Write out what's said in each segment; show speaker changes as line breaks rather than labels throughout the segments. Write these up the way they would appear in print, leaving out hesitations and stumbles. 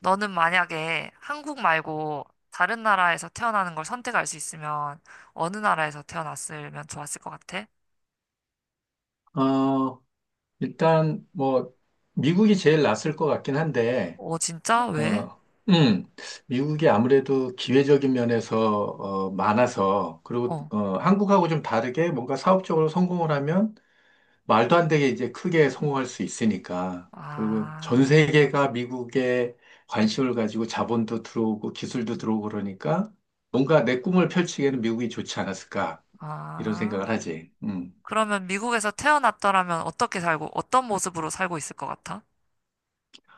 너는 만약에 한국 말고 다른 나라에서 태어나는 걸 선택할 수 있으면 어느 나라에서 태어났으면 좋았을 것 같아?
어, 일단, 뭐, 미국이 제일 낫을 것 같긴 한데,
어, 진짜? 왜?
어, 음, 미국이 아무래도 기회적인 면에서, 많아서, 그리고,
어.
한국하고 좀 다르게 뭔가 사업적으로 성공을 하면 말도 안 되게 이제 크게 성공할 수 있으니까. 그리고 전
아,
세계가 미국에 관심을 가지고 자본도 들어오고 기술도 들어오고 그러니까 뭔가 내 꿈을 펼치기에는 미국이 좋지 않았을까, 이런 생각을
아.
하지. 음.
그러면 미국에서 태어났더라면 어떻게 살고, 어떤 모습으로 살고 있을 것 같아?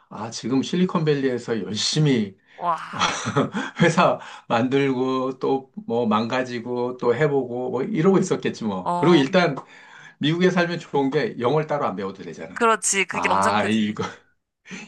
아, 지금 실리콘밸리에서 열심히
와,
회사 만들고 또 뭐 망가지고 또 해보고 뭐 이러고 있었겠지 뭐. 그리고
어,
일단 미국에 살면 좋은 게 영어를 따로 안 배워도 되잖아.
그렇지. 그게 엄청
아,
크지.
이거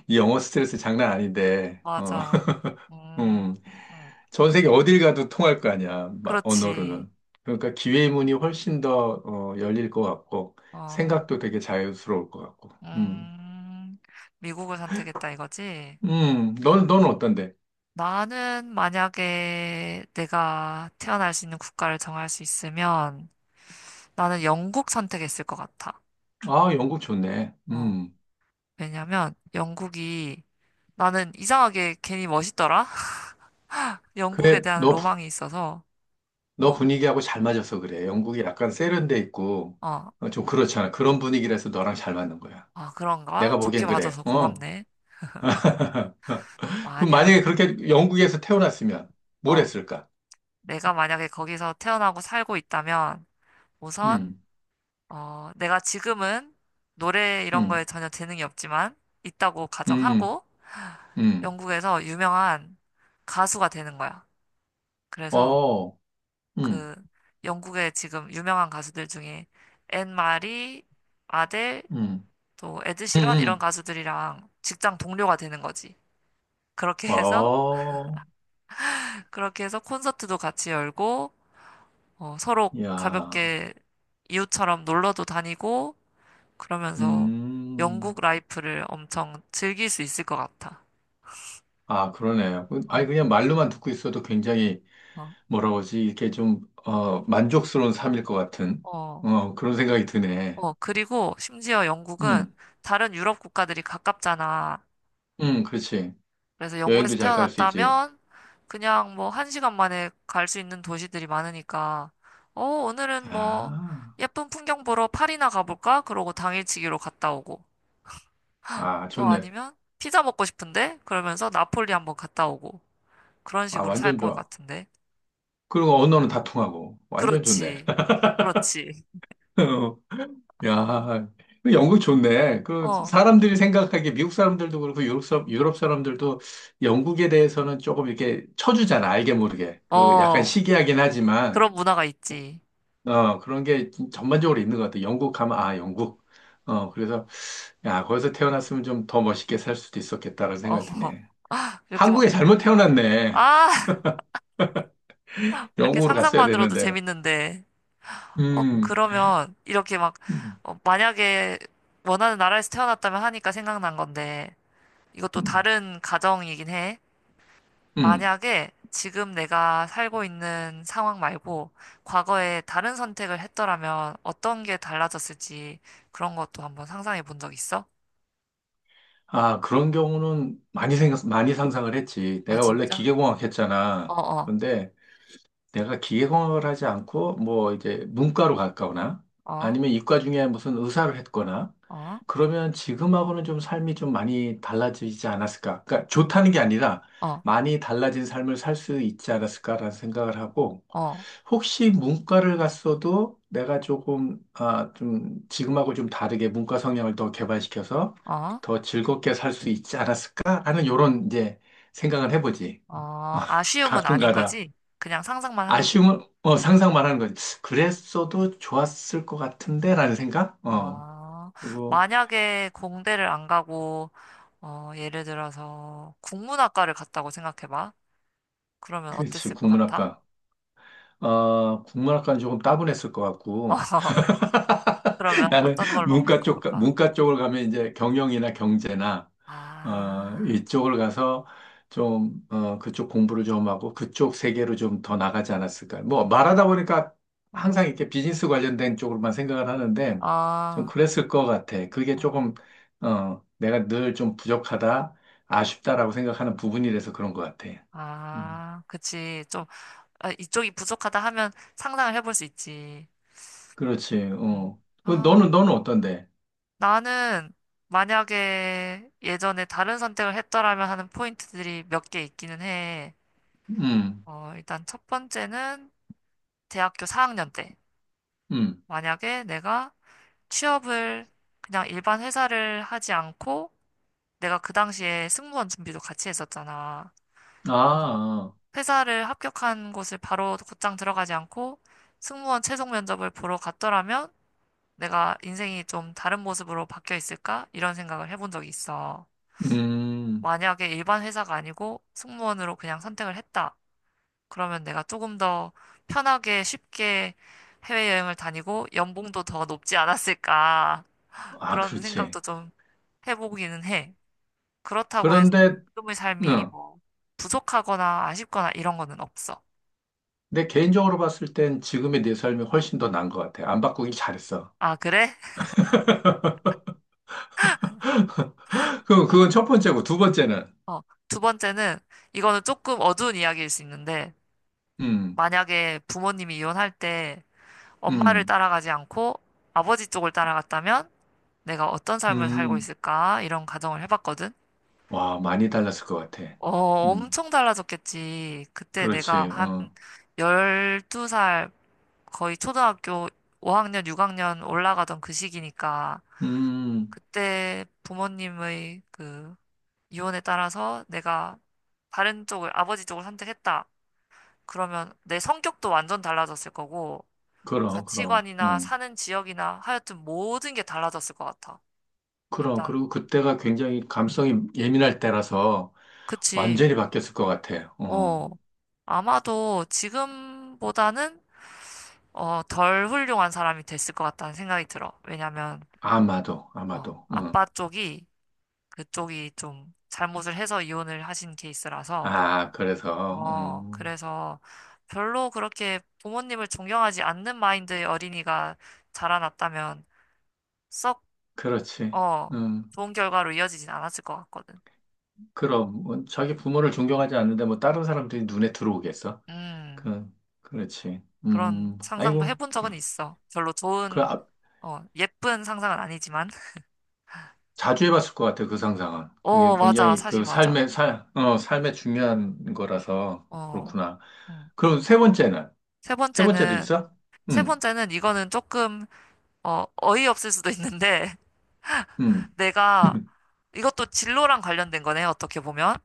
이 영어 스트레스 장난 아닌데.
맞아.
음,
음, 음.
전 세계 어딜 가도 통할 거 아니야.
그렇지.
언어로는. 그러니까 기회의 문이 훨씬 더 열릴 것 같고
어,
생각도 되게 자유스러울 것 같고. 음,
음, 미국을 선택했다 이거지?
넌, 는 어떤데?
나는 만약에 내가 태어날 수 있는 국가를 정할 수 있으면 나는 영국 선택했을 것 같아.
아, 영국 좋네.
어, 왜냐면 영국이 나는 이상하게 괜히 멋있더라? 영국에
그래,
대한 로망이 있어서.
너
어,
분위기하고 잘 맞아서 그래. 영국이 약간 세련돼 있고,
어,
좀 그렇잖아. 그런 분위기라서 너랑 잘 맞는 거야.
아, 그런가?
내가
좋게
보기엔 그래.
봐줘서
어.
고맙네.
그럼 만약에
만약에,
그렇게 영국에서 태어났으면 뭘
어,
했을까?
내가 만약에 거기서 태어나고 살고 있다면 우선,
음,
어, 내가 지금은 노래 이런
음,
거에 전혀 재능이 없지만 있다고
음,
가정하고
음,
영국에서 유명한 가수가 되는 거야. 그래서
어, 음,
그 영국의 지금 유명한 가수들 중에 앤 마리, 아델,
음,
또
음,
에드시런 이런
음,
가수들이랑 직장 동료가 되는 거지. 그렇게 해서
어,
콘서트도 같이 열고, 어, 서로
야,
가볍게 이웃처럼 놀러도 다니고 그러면서 영국
음,
라이프를 엄청 즐길 수 있을 것 같아.
아, 그러네. 아니,
어,
그냥 말로만 듣고 있어도 굉장히
어,
뭐라 고 하지 이게 좀, 만족스러운 삶일 것 같은,
어.
그런 생각이 드네.
어, 그리고 심지어 영국은
음,
다른 유럽 국가들이 가깝잖아.
그렇지.
그래서 영국에서
여행도 잘 갈 수 있지.
태어났다면 그냥 뭐 한 시간 만에 갈 수 있는 도시들이 많으니까, 어, 오늘은 뭐
아,
예쁜 풍경 보러 파리나 가볼까? 그러고 당일치기로 갔다 오고.
아,
또
좋네.
아니면 피자 먹고 싶은데? 그러면서 나폴리 한번 갔다 오고. 그런
아,
식으로 살
완전
것
좋아.
같은데.
그리고 언어는 다 통하고. 완전 좋네.
그렇지. 그렇지.
어, 야, 그 영국 좋네. 그
어,
사람들이 생각하기에 미국 사람들도 그렇고 유럽, 유럽 사람들도 영국에 대해서는 조금 이렇게 쳐주잖아. 알게 모르게. 그 약간
어,
시기하긴 하지만.
그런 문화가 있지.
그런 게 전반적으로 있는 것 같아. 영국 가면, 아, 영국. 그래서, 야, 거기서 태어났으면 좀 더 멋있게 살 수도 있었겠다라는
어,
생각이 드네.
이렇게 막,
한국에 잘못 태어났네.
아! 이렇게
영국으로 갔어야
상상만으로도
되는데.
재밌는데, 어,
음,
그러면 이렇게 막,
음,
어, 만약에 원하는 나라에서 태어났다면 하니까 생각난 건데, 이것도
음.
다른 가정이긴 해.
음.
만약에 지금 내가 살고 있는 상황 말고, 과거에 다른 선택을 했더라면 어떤 게 달라졌을지 그런 것도 한번 상상해 본 적 있어?
아, 그런 경우는 많이 생각, 많이 상상을 했지.
아,
내가 원래
진짜?
기계공학
어,
했잖아.
어,
근데 내가 기계공학을 하지 않고 뭐 이제 문과로 갔거나
어,
아니면 이과 중에 무슨 의사를 했거나
어,
그러면 지금하고는 좀 삶이 좀 많이 달라지지 않았을까? 그러니까 좋다는 게 아니라
어,
많이 달라진 삶을 살 수 있지 않았을까라는 생각을 하고
어,
혹시 문과를 갔어도 내가 조금 아, 좀 지금하고 좀 다르게 문과 성향을 더 개발시켜서
어,
더 즐겁게 살 수 있지 않았을까라는 요런 이제 생각을 해보지.
어, 아쉬움은 아닌
가끔가다.
거지? 그냥 상상만 하는.
아쉬움은 상상 말하는 거지. 그랬어도 좋았을 것 같은데라는 생각? 어.
아,
그리고
만약에 공대를 안 가고, 어, 예를 들어서 국문학과를 갔다고 생각해봐. 그러면
그렇지
어땠을 것 같아?
국문학과. 국문학과는 조금 따분했을 것 같고
어, 그러면
나는
어떤 걸로 한번
문과 쪽
가볼까?
문과 쪽을 가면 이제 경영이나 경제나
아,
이쪽을 가서 좀, 그쪽 공부를 좀 하고 그쪽 세계로 좀 더 나가지 않았을까. 뭐, 말하다 보니까
어,
항상 이렇게 비즈니스 관련된 쪽으로만 생각을 하는데 좀
아,
그랬을 것 같아. 그게
어,
조금, 내가 늘 좀 부족하다, 아쉽다라고 생각하는 부분이라서 그런 것 같아. 음,
아, 그치. 좀, 아, 이쪽이 부족하다 하면 상상을 해볼 수 있지.
그렇지,
음.
어. 그
아,
너는 어떤데?
나는 만약에 예전에 다른 선택을 했더라면 하는 포인트들이 몇 개 있기는 해.
음,
어, 일단 첫 번째는 대학교 4학년 때
음.
만약에 내가 취업을 그냥 일반 회사를 하지 않고 내가 그 당시에 승무원 준비도 같이 했었잖아.
아,
그래서
아.
회사를 합격한 곳을 바로 곧장 들어가지 않고 승무원 최종 면접을 보러 갔더라면 내가 인생이 좀 다른 모습으로 바뀌어 있을까? 이런 생각을 해본 적이 있어.
음.
만약에 일반 회사가 아니고 승무원으로 그냥 선택을 했다. 그러면 내가 조금 더 편하게 쉽게 해외여행을 다니고 연봉도 더 높지 않았을까.
아,
그런
그렇지.
생각도 좀 해보기는 해. 그렇다고 해서
그런데,
지금의 삶이
응.
뭐 부족하거나 아쉽거나 이런 거는 없어.
내 개인적으로 봤을 땐 지금의 내 삶이 훨씬 더 나은 것 같아. 안 바꾸길 잘했어.
아, 그래?
그럼 그건 첫 번째고, 두 번째는,
어, 두 번째는 이거는 조금 어두운 이야기일 수 있는데
음,
만약에 부모님이 이혼할 때 엄마를
음,
따라가지 않고 아버지 쪽을 따라갔다면 내가 어떤 삶을 살고
음,
있을까? 이런 가정을 해봤거든.
와, 많이 달랐을 것 같아.
어,
음,
엄청 달라졌겠지. 그때 내가
그렇지,
한
어,
12살, 거의 초등학교 5학년, 6학년 올라가던 그 시기니까,
음,
그때 부모님의 그 유언에 따라서 내가 다른 쪽을, 아버지 쪽을 선택했다. 그러면 내 성격도 완전 달라졌을 거고,
그럼, 그럼,
가치관이나 사는 지역이나 하여튼 모든 게 달라졌을 것 같아.
그럼.
일단,
그리고 그때가 굉장히 감성이 예민할 때라서
그치.
완전히 바뀌었을 것 같아.
어, 아마도 지금보다는 어, 덜 훌륭한 사람이 됐을 것 같다는 생각이 들어. 왜냐면,
아마도,
어,
아마도,
아빠
어.
쪽이 그쪽이 좀 잘못을 해서 이혼을 하신 케이스라서,
아, 그래서,
어, 그래서 별로 그렇게 부모님을 존경하지 않는 마인드의 어린이가 자라났다면 썩,
그렇지,
어,
응.
좋은 결과로 이어지진 않았을 것 같거든.
그럼 뭐 자기 부모를 존경하지 않는데 뭐 다른 사람들이 눈에 들어오겠어?
음,
그 그렇지.
그런 상상도
아이고
해본
그,
적은 있어. 별로
그
좋은,
아,
어, 예쁜 상상은 아니지만.
자주 해봤을 것 같아 그 상상은. 그게
어, 맞아.
굉장히
사실
그
맞아.
삶의 살, 어, 삶의 중요한 거라서
어,
그렇구나.
음.
그럼 세 번째는
세
세 번째도
번째는
있어? 음,
이거는 조금 어, 어이없을 수도 있는데
음,
내가 이것도 진로랑 관련된 거네, 어떻게 보면.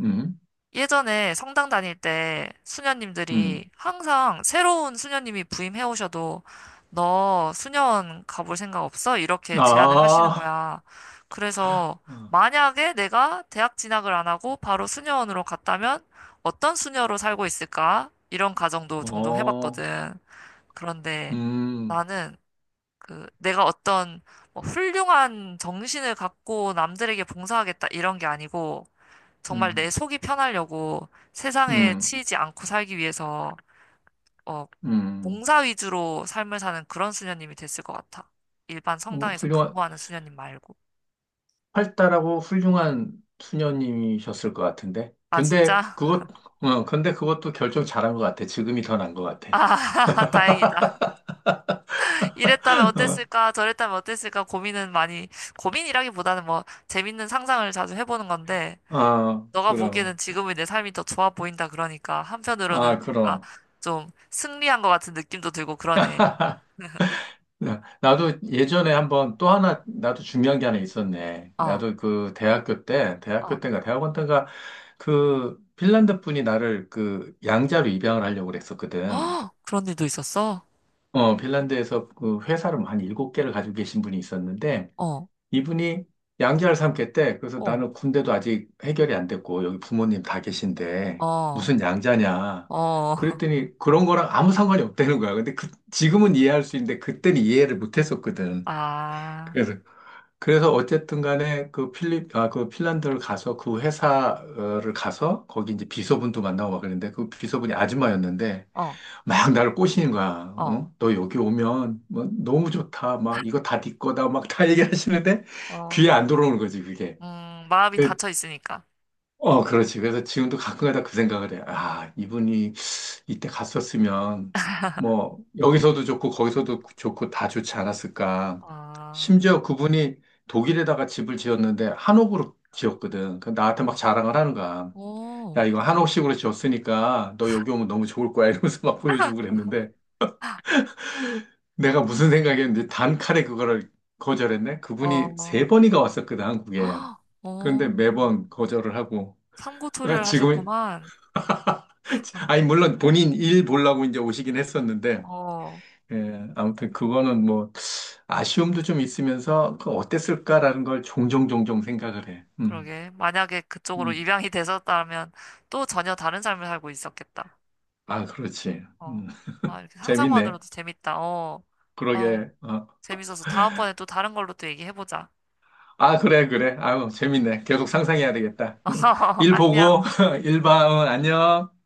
음,
예전에 성당 다닐 때
음.
수녀님들이 항상 새로운 수녀님이 부임해 오셔도 너 수녀원 가볼 생각 없어? 이렇게 제안을 하시는
아,
거야. 그래서 만약에 내가 대학 진학을 안 하고 바로 수녀원으로 갔다면 어떤 수녀로 살고 있을까? 이런 가정도 종종
어,
해봤거든. 그런데
음,
나는 그 내가 어떤 뭐 훌륭한 정신을 갖고 남들에게 봉사하겠다 이런 게 아니고 정말
음,
내 속이 편하려고 세상에
음,
치이지 않고 살기 위해서 어
음.
봉사 위주로 삶을 사는 그런 수녀님이 됐을 것 같아. 일반
어,
성당에서
훌륭한.
근무하는 수녀님 말고.
활달하고 훌륭한 수녀님이셨을 것 같은데.
아, 진짜?
근데 그것도 결정 잘한 것 같아. 지금이 더 나은 것 같아.
아, 다행이다. 이랬다면
어,
어땠을까? 저랬다면 어땠을까? 고민은 많이, 고민이라기보다는 뭐 재밌는 상상을 자주 해보는 건데
아,
너가 보기에는
그럼.
지금의 내 삶이 더 좋아 보인다 그러니까 한편으로는
아,
뭔가
그럼.
좀 승리한 것 같은 느낌도 들고 그러네.
나도 예전에 한번 또 하나, 나도 중요한 게 하나 있었네.
어,
나도 그 대학교 때,
어,
대학교 때인가, 대학원 때인가, 그 핀란드 분이 나를 그 양자로 입양을 하려고 그랬었거든.
어, 그런 일도 있었어?
핀란드에서 그 회사를 한 일곱 개를 가지고 계신 분이 있었는데,
어,
이분이 양자를 삼겠대. 그래서
어,
나는 군대도 아직 해결이 안 됐고, 여기 부모님 다 계신데,
어,
무슨 양자냐.
어,
그랬더니 그런 거랑 아무 상관이 없다는 거야. 근데 지금은 이해할 수 있는데, 그때는 이해를 못 했었거든.
아,
그래서 어쨌든 간에 그 핀란드를 가서 그 회사를 가서 거기 이제 비서분도 만나고 막 그랬는데 그 비서분이 아줌마였는데
어,
막 나를 꼬시는 거야.
어,
어? 너 여기 오면 뭐 너무 좋다. 막 이거 다 네 거다. 막 다 얘기하시는데
어,
귀에 안 들어오는 거지, 그게.
마음이
그
닫혀 있으니까.
그렇지. 그래서 지금도 가끔가다 그 생각을 해. 아, 이분이 이때 갔었으면, 뭐, 여기서도 좋고, 거기서도 좋고, 다 좋지 않았을까.
아,
심지어 그분이 독일에다가 집을 지었는데, 한옥으로 지었거든. 그 나한테
어,
막 자랑을 하는 거야. 야,
어,
이거 한옥식으로 지었으니까, 너 여기 오면 너무 좋을 거야. 이러면서 막 보여주고 그랬는데, 내가 무슨 생각이었는데, 단칼에 그거를 거절했네? 그분이
어,
세 번이가 왔었거든, 한국에.
어, 어,
그런데 매번 거절을 하고,
삼고 초려를
지금
하셨구만.
아니, 물론 본인 일 보려고 이제 오시긴 했었는데,
어.
예, 아무튼 그거는 뭐, 아쉬움도 좀 있으면서, 그 어땠을까라는 걸 종종 종종 생각을 해.
그러게. 만약에 그쪽으로
음.
입양이 되셨다면 또 전혀 다른 삶을 살고 있었겠다.
아, 그렇지.
어. 아, 이렇게
재밌네.
상상만으로도 재밌다. 어. 아우,
그러게. 어.
재밌어서 다음번에 또 다른 걸로 또 얘기해보자.
아, 그래, 그래. 아유, 재밌네. 계속 상상해야 되겠다. 일 보고,
안녕.
일 봐. 안녕.